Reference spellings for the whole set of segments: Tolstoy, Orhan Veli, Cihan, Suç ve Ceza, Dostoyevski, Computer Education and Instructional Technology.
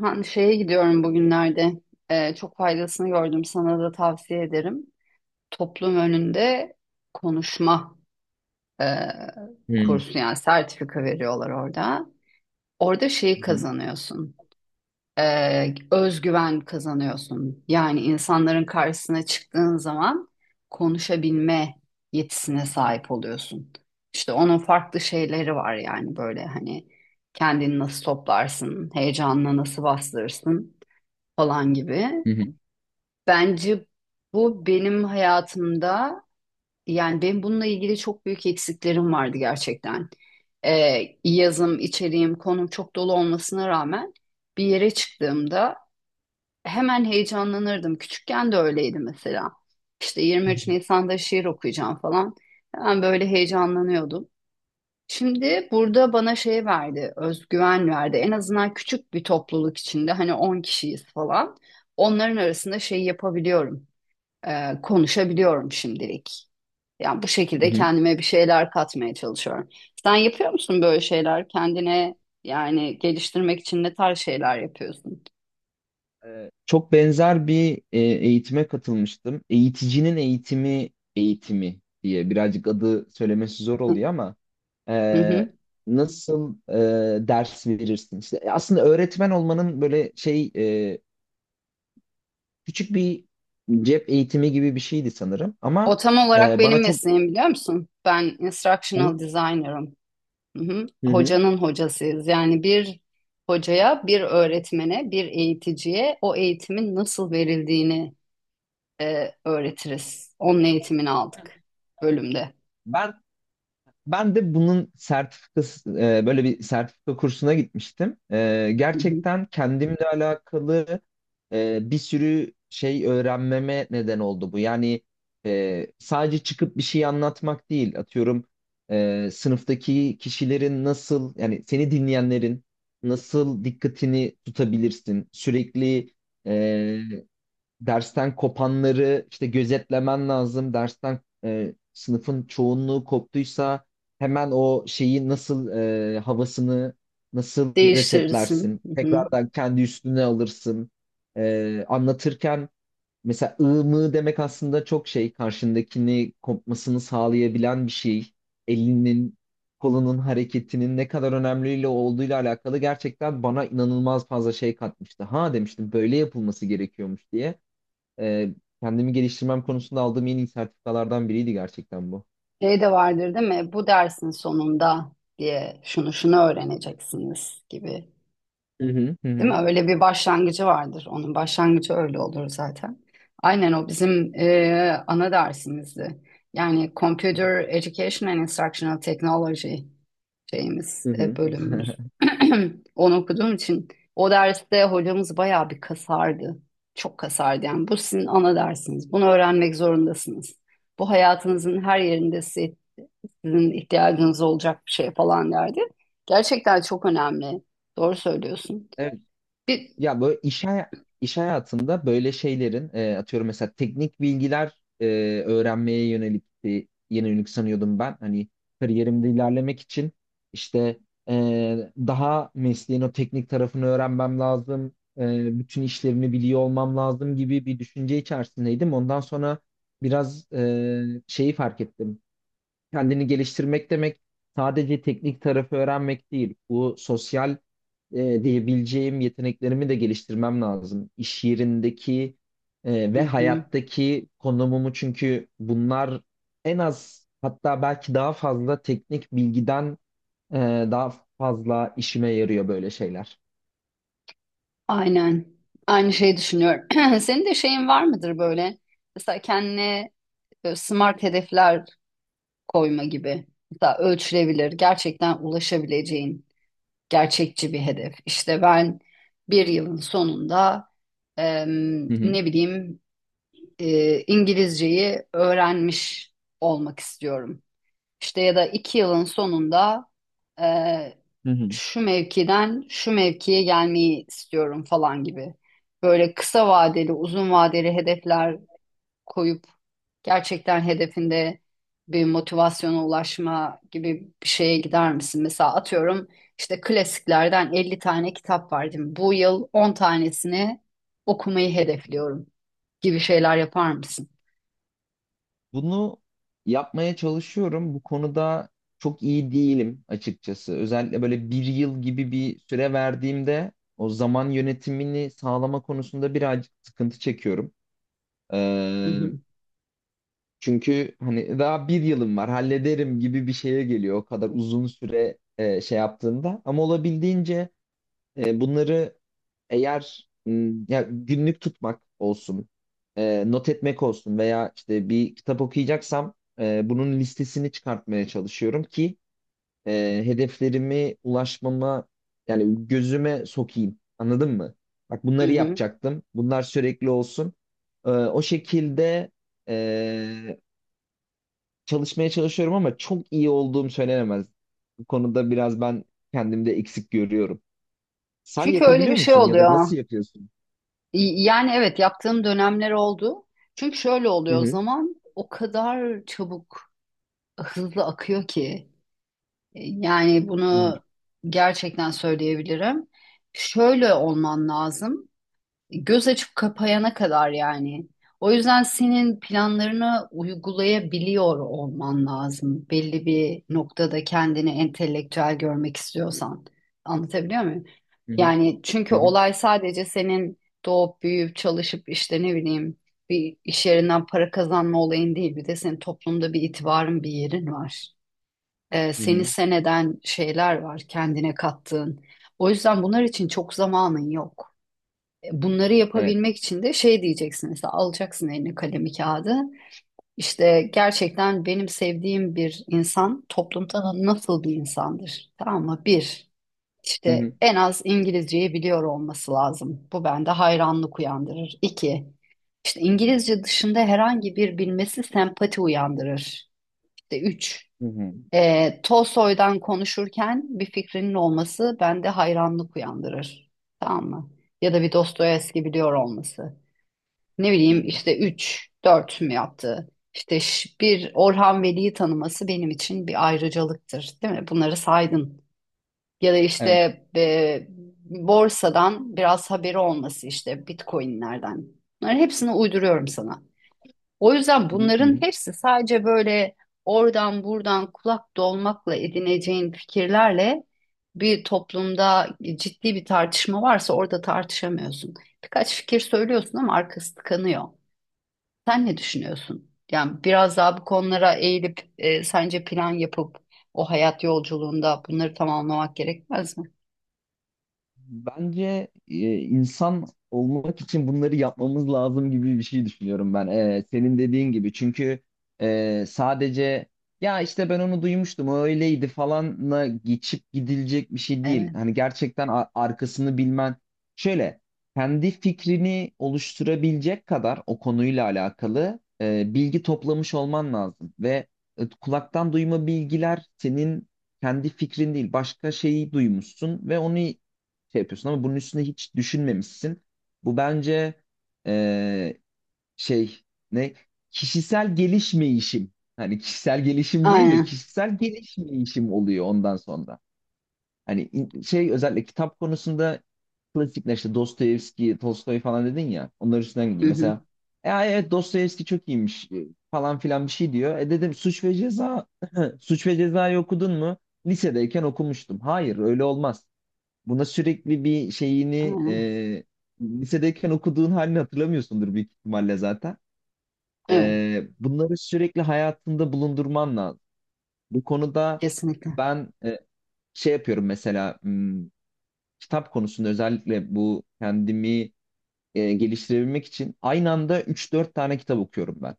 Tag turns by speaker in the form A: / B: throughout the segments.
A: Ha, şeye gidiyorum bugünlerde. Çok faydasını gördüm. Sana da tavsiye ederim. Toplum önünde konuşma e,
B: Hı
A: kursu yani sertifika veriyorlar orada. Orada şeyi
B: hı
A: kazanıyorsun. Özgüven kazanıyorsun. Yani insanların karşısına çıktığın zaman konuşabilme yetisine sahip oluyorsun. İşte onun farklı şeyleri var yani böyle hani kendini nasıl toplarsın, heyecanını nasıl bastırırsın falan gibi.
B: hı hı.
A: Bence bu benim hayatımda yani benim bununla ilgili çok büyük eksiklerim vardı gerçekten. Yazım, içeriğim, konum çok dolu olmasına rağmen bir yere çıktığımda hemen heyecanlanırdım. Küçükken de öyleydi mesela. İşte
B: Hı hı.
A: 23 Nisan'da şiir okuyacağım falan. Hemen böyle heyecanlanıyordum. Şimdi burada bana şey verdi, özgüven verdi. En azından küçük bir topluluk içinde hani 10 kişiyiz falan. Onların arasında şey yapabiliyorum, konuşabiliyorum şimdilik. Yani bu şekilde kendime bir şeyler katmaya çalışıyorum. Sen yapıyor musun böyle şeyler? Kendine yani geliştirmek için ne tarz şeyler yapıyorsun?
B: Çok benzer bir eğitime katılmıştım. Eğiticinin eğitimi diye birazcık adı söylemesi zor oluyor ama e,
A: Hı hı.
B: nasıl ders verirsin? İşte aslında öğretmen olmanın böyle şey küçük bir cep eğitimi gibi bir şeydi sanırım
A: O
B: ama
A: tam olarak benim
B: bana çok.
A: mesleğim biliyor musun? Ben instructional designer'ım. Hı hı.
B: Hı hı.
A: Hocanın hocasıyız. Yani bir hocaya, bir öğretmene, bir eğiticiye o eğitimin nasıl verildiğini öğretiriz. Onun eğitimini aldık bölümde.
B: Ben Ben de bunun sertifikası böyle bir sertifika kursuna gitmiştim.
A: Hı hı.
B: Gerçekten kendimle alakalı bir sürü şey öğrenmeme neden oldu bu. Yani sadece çıkıp bir şey anlatmak değil. Atıyorum sınıftaki kişilerin nasıl yani seni dinleyenlerin nasıl dikkatini tutabilirsin? Sürekli e, dersten kopanları işte gözetlemen lazım. Dersten sınıfın çoğunluğu koptuysa hemen o şeyi nasıl havasını nasıl
A: Değiştirirsin.
B: resetlersin?
A: Hı hı.
B: Tekrardan kendi üstüne alırsın. Anlatırken mesela ığ mı demek aslında çok şey karşındakini kopmasını sağlayabilen bir şey. Elinin kolunun hareketinin ne kadar önemliyle olduğuyla alakalı gerçekten bana inanılmaz fazla şey katmıştı. Ha demiştim böyle yapılması gerekiyormuş diye e, kendimi geliştirmem konusunda aldığım en iyi sertifikalardan biriydi gerçekten bu.
A: Şey de vardır değil mi? Bu dersin sonunda diye şunu şunu öğreneceksiniz gibi.
B: Hı hı hı
A: Değil mi?
B: hı.
A: Öyle bir başlangıcı vardır. Onun başlangıcı öyle olur zaten. Aynen o bizim ana dersimizdi. Yani Computer Education and Instructional Technology şeyimiz,
B: Hı hı.
A: bölümümüz. Onu okuduğum için o derste hocamız bayağı bir kasardı. Çok kasardı yani. Bu sizin ana dersiniz. Bunu öğrenmek zorundasınız. Bu hayatınızın her yerinde sizin ihtiyacınız olacak bir şey falan derdi. Gerçekten çok önemli. Doğru söylüyorsun.
B: Evet.
A: Bir,
B: Ya böyle iş hayatında böyle şeylerin atıyorum mesela teknik bilgiler öğrenmeye yönelik yönelik sanıyordum ben. Hani kariyerimde ilerlemek için işte daha mesleğin o teknik tarafını öğrenmem lazım. Bütün işlerini biliyor olmam lazım gibi bir düşünce içerisindeydim. Ondan sonra biraz şeyi fark ettim. Kendini geliştirmek demek sadece teknik tarafı öğrenmek değil. Bu sosyal diyebileceğim yeteneklerimi de geliştirmem lazım. İş yerindeki
A: hı
B: ve
A: hı.
B: hayattaki konumumu, çünkü bunlar en az hatta belki daha fazla teknik bilgiden e, daha fazla işime yarıyor böyle şeyler.
A: Aynen. Aynı şeyi düşünüyorum. Senin de şeyin var mıdır böyle? Mesela kendine smart hedefler koyma gibi. Mesela ölçülebilir, gerçekten ulaşabileceğin gerçekçi bir hedef. İşte ben bir yılın sonunda
B: Hı hı.
A: ne bileyim İngilizceyi öğrenmiş olmak istiyorum. İşte ya da 2 yılın sonunda eee,
B: Hı hı.
A: şu mevkiden şu mevkiye gelmeyi istiyorum falan gibi. Böyle kısa vadeli, uzun vadeli hedefler koyup gerçekten hedefinde bir motivasyona ulaşma gibi bir şeye gider misin? Mesela atıyorum işte klasiklerden 50 tane kitap var değil mi? Bu yıl 10 tanesini okumayı hedefliyorum gibi şeyler yapar mısın?
B: Bunu yapmaya çalışıyorum. Bu konuda çok iyi değilim açıkçası. Özellikle böyle bir yıl gibi bir süre verdiğimde o zaman yönetimini sağlama konusunda birazcık sıkıntı çekiyorum.
A: Hı
B: Ee,
A: hı,
B: Çünkü hani daha bir yılım var hallederim gibi bir şeye geliyor o kadar uzun süre şey yaptığında. Ama olabildiğince bunları eğer ya günlük tutmak olsun, not etmek olsun veya işte bir kitap okuyacaksam bunun listesini çıkartmaya çalışıyorum ki hedeflerimi ulaşmama yani gözüme sokayım. Anladın mı? Bak
A: hı
B: bunları
A: hı.
B: yapacaktım. Bunlar sürekli olsun. O şekilde e, çalışmaya çalışıyorum ama çok iyi olduğum söylenemez. Bu konuda biraz ben kendimde eksik görüyorum. Sen
A: Çünkü öyle
B: yapabiliyor
A: bir şey
B: musun ya da
A: oluyor.
B: nasıl yapıyorsun?
A: Yani evet yaptığım dönemler oldu. Çünkü şöyle
B: Hı
A: oluyor
B: hı.
A: zaman o kadar çabuk, hızlı akıyor ki. Yani
B: Hı hı.
A: bunu gerçekten söyleyebilirim. Şöyle olman lazım. Göz açıp kapayana kadar yani. O yüzden senin planlarını uygulayabiliyor olman lazım. Belli bir noktada kendini entelektüel görmek istiyorsan. Anlatabiliyor muyum?
B: Hı hı.
A: Yani çünkü
B: Hı hı.
A: olay sadece senin doğup büyüyüp çalışıp işte ne bileyim bir iş yerinden para kazanma olayın değil. Bir de senin toplumda bir itibarın, bir yerin var.
B: Hı
A: Seni
B: hı.
A: sen eden şeyler var kendine kattığın. O yüzden bunlar için çok zamanın yok. Bunları
B: Evet.
A: yapabilmek için de şey diyeceksin mesela alacaksın eline kalemi kağıdı. İşte gerçekten benim sevdiğim bir insan toplumda nasıl bir insandır? Tamam mı? Bir,
B: Hı
A: işte
B: hı.
A: en az İngilizceyi biliyor olması lazım. Bu bende hayranlık uyandırır. İki, işte
B: Hı hı.
A: İngilizce dışında herhangi bir bilmesi sempati uyandırır. İşte üç,
B: Hı hı.
A: Tolstoy'dan konuşurken bir fikrinin olması bende hayranlık uyandırır. Tamam mı? Ya da bir Dostoyevski biliyor olması ne
B: Hı
A: bileyim
B: hı.
A: işte 3 4 mü yaptı? İşte bir Orhan Veli'yi tanıması benim için bir ayrıcalıktır, değil mi? Bunları saydın. Ya da işte
B: Evet.
A: e, borsadan biraz haberi olması işte Bitcoin'lerden. Bunların hepsini uyduruyorum sana. O yüzden
B: Hı hı. Hı
A: bunların
B: hı.
A: hepsi sadece böyle oradan buradan kulak dolmakla edineceğin fikirlerle bir toplumda ciddi bir tartışma varsa orada tartışamıyorsun. Birkaç fikir söylüyorsun ama arkası tıkanıyor. Sen ne düşünüyorsun? Yani biraz daha bu konulara eğilip sence plan yapıp o hayat yolculuğunda bunları tamamlamak gerekmez mi?
B: Bence insan olmak için bunları yapmamız lazım gibi bir şey düşünüyorum ben. Senin dediğin gibi. Çünkü sadece ya işte ben onu duymuştum, o öyleydi falanla geçip gidilecek bir şey değil.
A: Evet.
B: Hani gerçekten arkasını bilmen. Şöyle kendi fikrini oluşturabilecek kadar o konuyla alakalı bilgi toplamış olman lazım ve kulaktan duyma bilgiler senin kendi fikrin değil, başka şeyi duymuşsun ve onu şey yapıyorsun ama bunun üstüne hiç düşünmemişsin. Bu bence eee, şey ne kişisel gelişmeyişim. Hani kişisel gelişim değil de
A: Aynen.
B: kişisel gelişmeyişim oluyor ondan sonra. Hani şey özellikle kitap konusunda klasikler işte Dostoyevski, Tolstoy falan dedin ya. Onların üstünden
A: Hı
B: gideyim.
A: hı.
B: Mesela ay evet Dostoyevski çok iyiymiş, falan filan bir şey diyor. E dedim Suç ve Ceza. Suç ve Ceza'yı okudun mu? Lisedeyken okumuştum. Hayır öyle olmaz. Buna sürekli bir şeyini
A: Aynen.
B: lisedeyken okuduğun halini hatırlamıyorsundur büyük ihtimalle zaten.
A: Evet.
B: Bunları sürekli hayatında bulundurman lazım. Bu konuda
A: Kesinlikle.
B: ben şey yapıyorum mesela, kitap konusunda özellikle bu kendimi geliştirebilmek için aynı anda üç dört tane kitap okuyorum ben.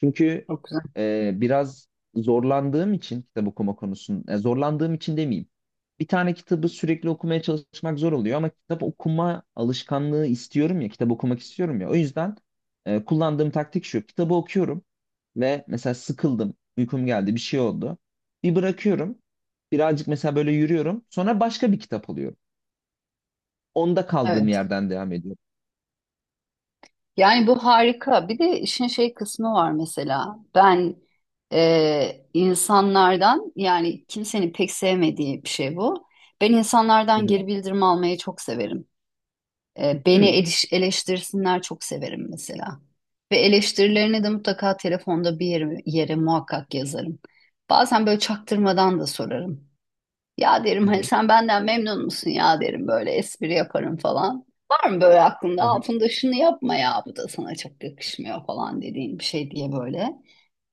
B: Çünkü
A: Çok güzel.
B: biraz zorlandığım için kitap okuma konusunda, zorlandığım için demeyeyim. Bir tane kitabı sürekli okumaya çalışmak zor oluyor ama kitap okuma alışkanlığı istiyorum ya, kitap okumak istiyorum ya. O yüzden kullandığım taktik şu, kitabı okuyorum ve mesela sıkıldım, uykum geldi, bir şey oldu. Bir bırakıyorum, birazcık mesela böyle yürüyorum, sonra başka bir kitap alıyorum. Onda kaldığım
A: Evet.
B: yerden devam ediyorum.
A: Yani bu harika. Bir de işin şey kısmı var mesela. Ben insanlardan yani kimsenin pek sevmediği bir şey bu. Ben
B: Hı
A: insanlardan
B: hı.
A: geri bildirim almayı çok severim.
B: Hı
A: Beni
B: hı.
A: eleştirsinler çok severim mesela. Ve eleştirilerini de mutlaka telefonda bir yere muhakkak yazarım. Bazen böyle çaktırmadan da sorarım. Ya derim hani
B: Hı
A: sen benden memnun musun ya derim böyle espri yaparım falan. Var mı böyle aklında
B: hı.
A: altında şunu yapma ya bu da sana çok yakışmıyor falan dediğin bir şey diye böyle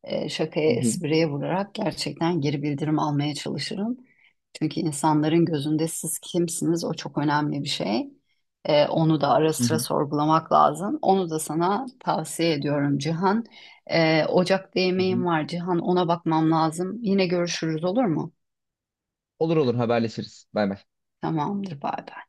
A: şakaya,
B: Hı hı.
A: espriye vurarak gerçekten geri bildirim almaya çalışırım. Çünkü insanların gözünde siz kimsiniz o çok önemli bir şey. Onu da ara
B: Hı
A: sıra
B: hı.
A: sorgulamak lazım. Onu da sana tavsiye ediyorum Cihan. Ocak'ta
B: Hı
A: yemeğim
B: hı.
A: var Cihan ona bakmam lazım. Yine görüşürüz olur mu?
B: Olur olur, haberleşiriz. Bay bay.
A: Tamamdır bay bay.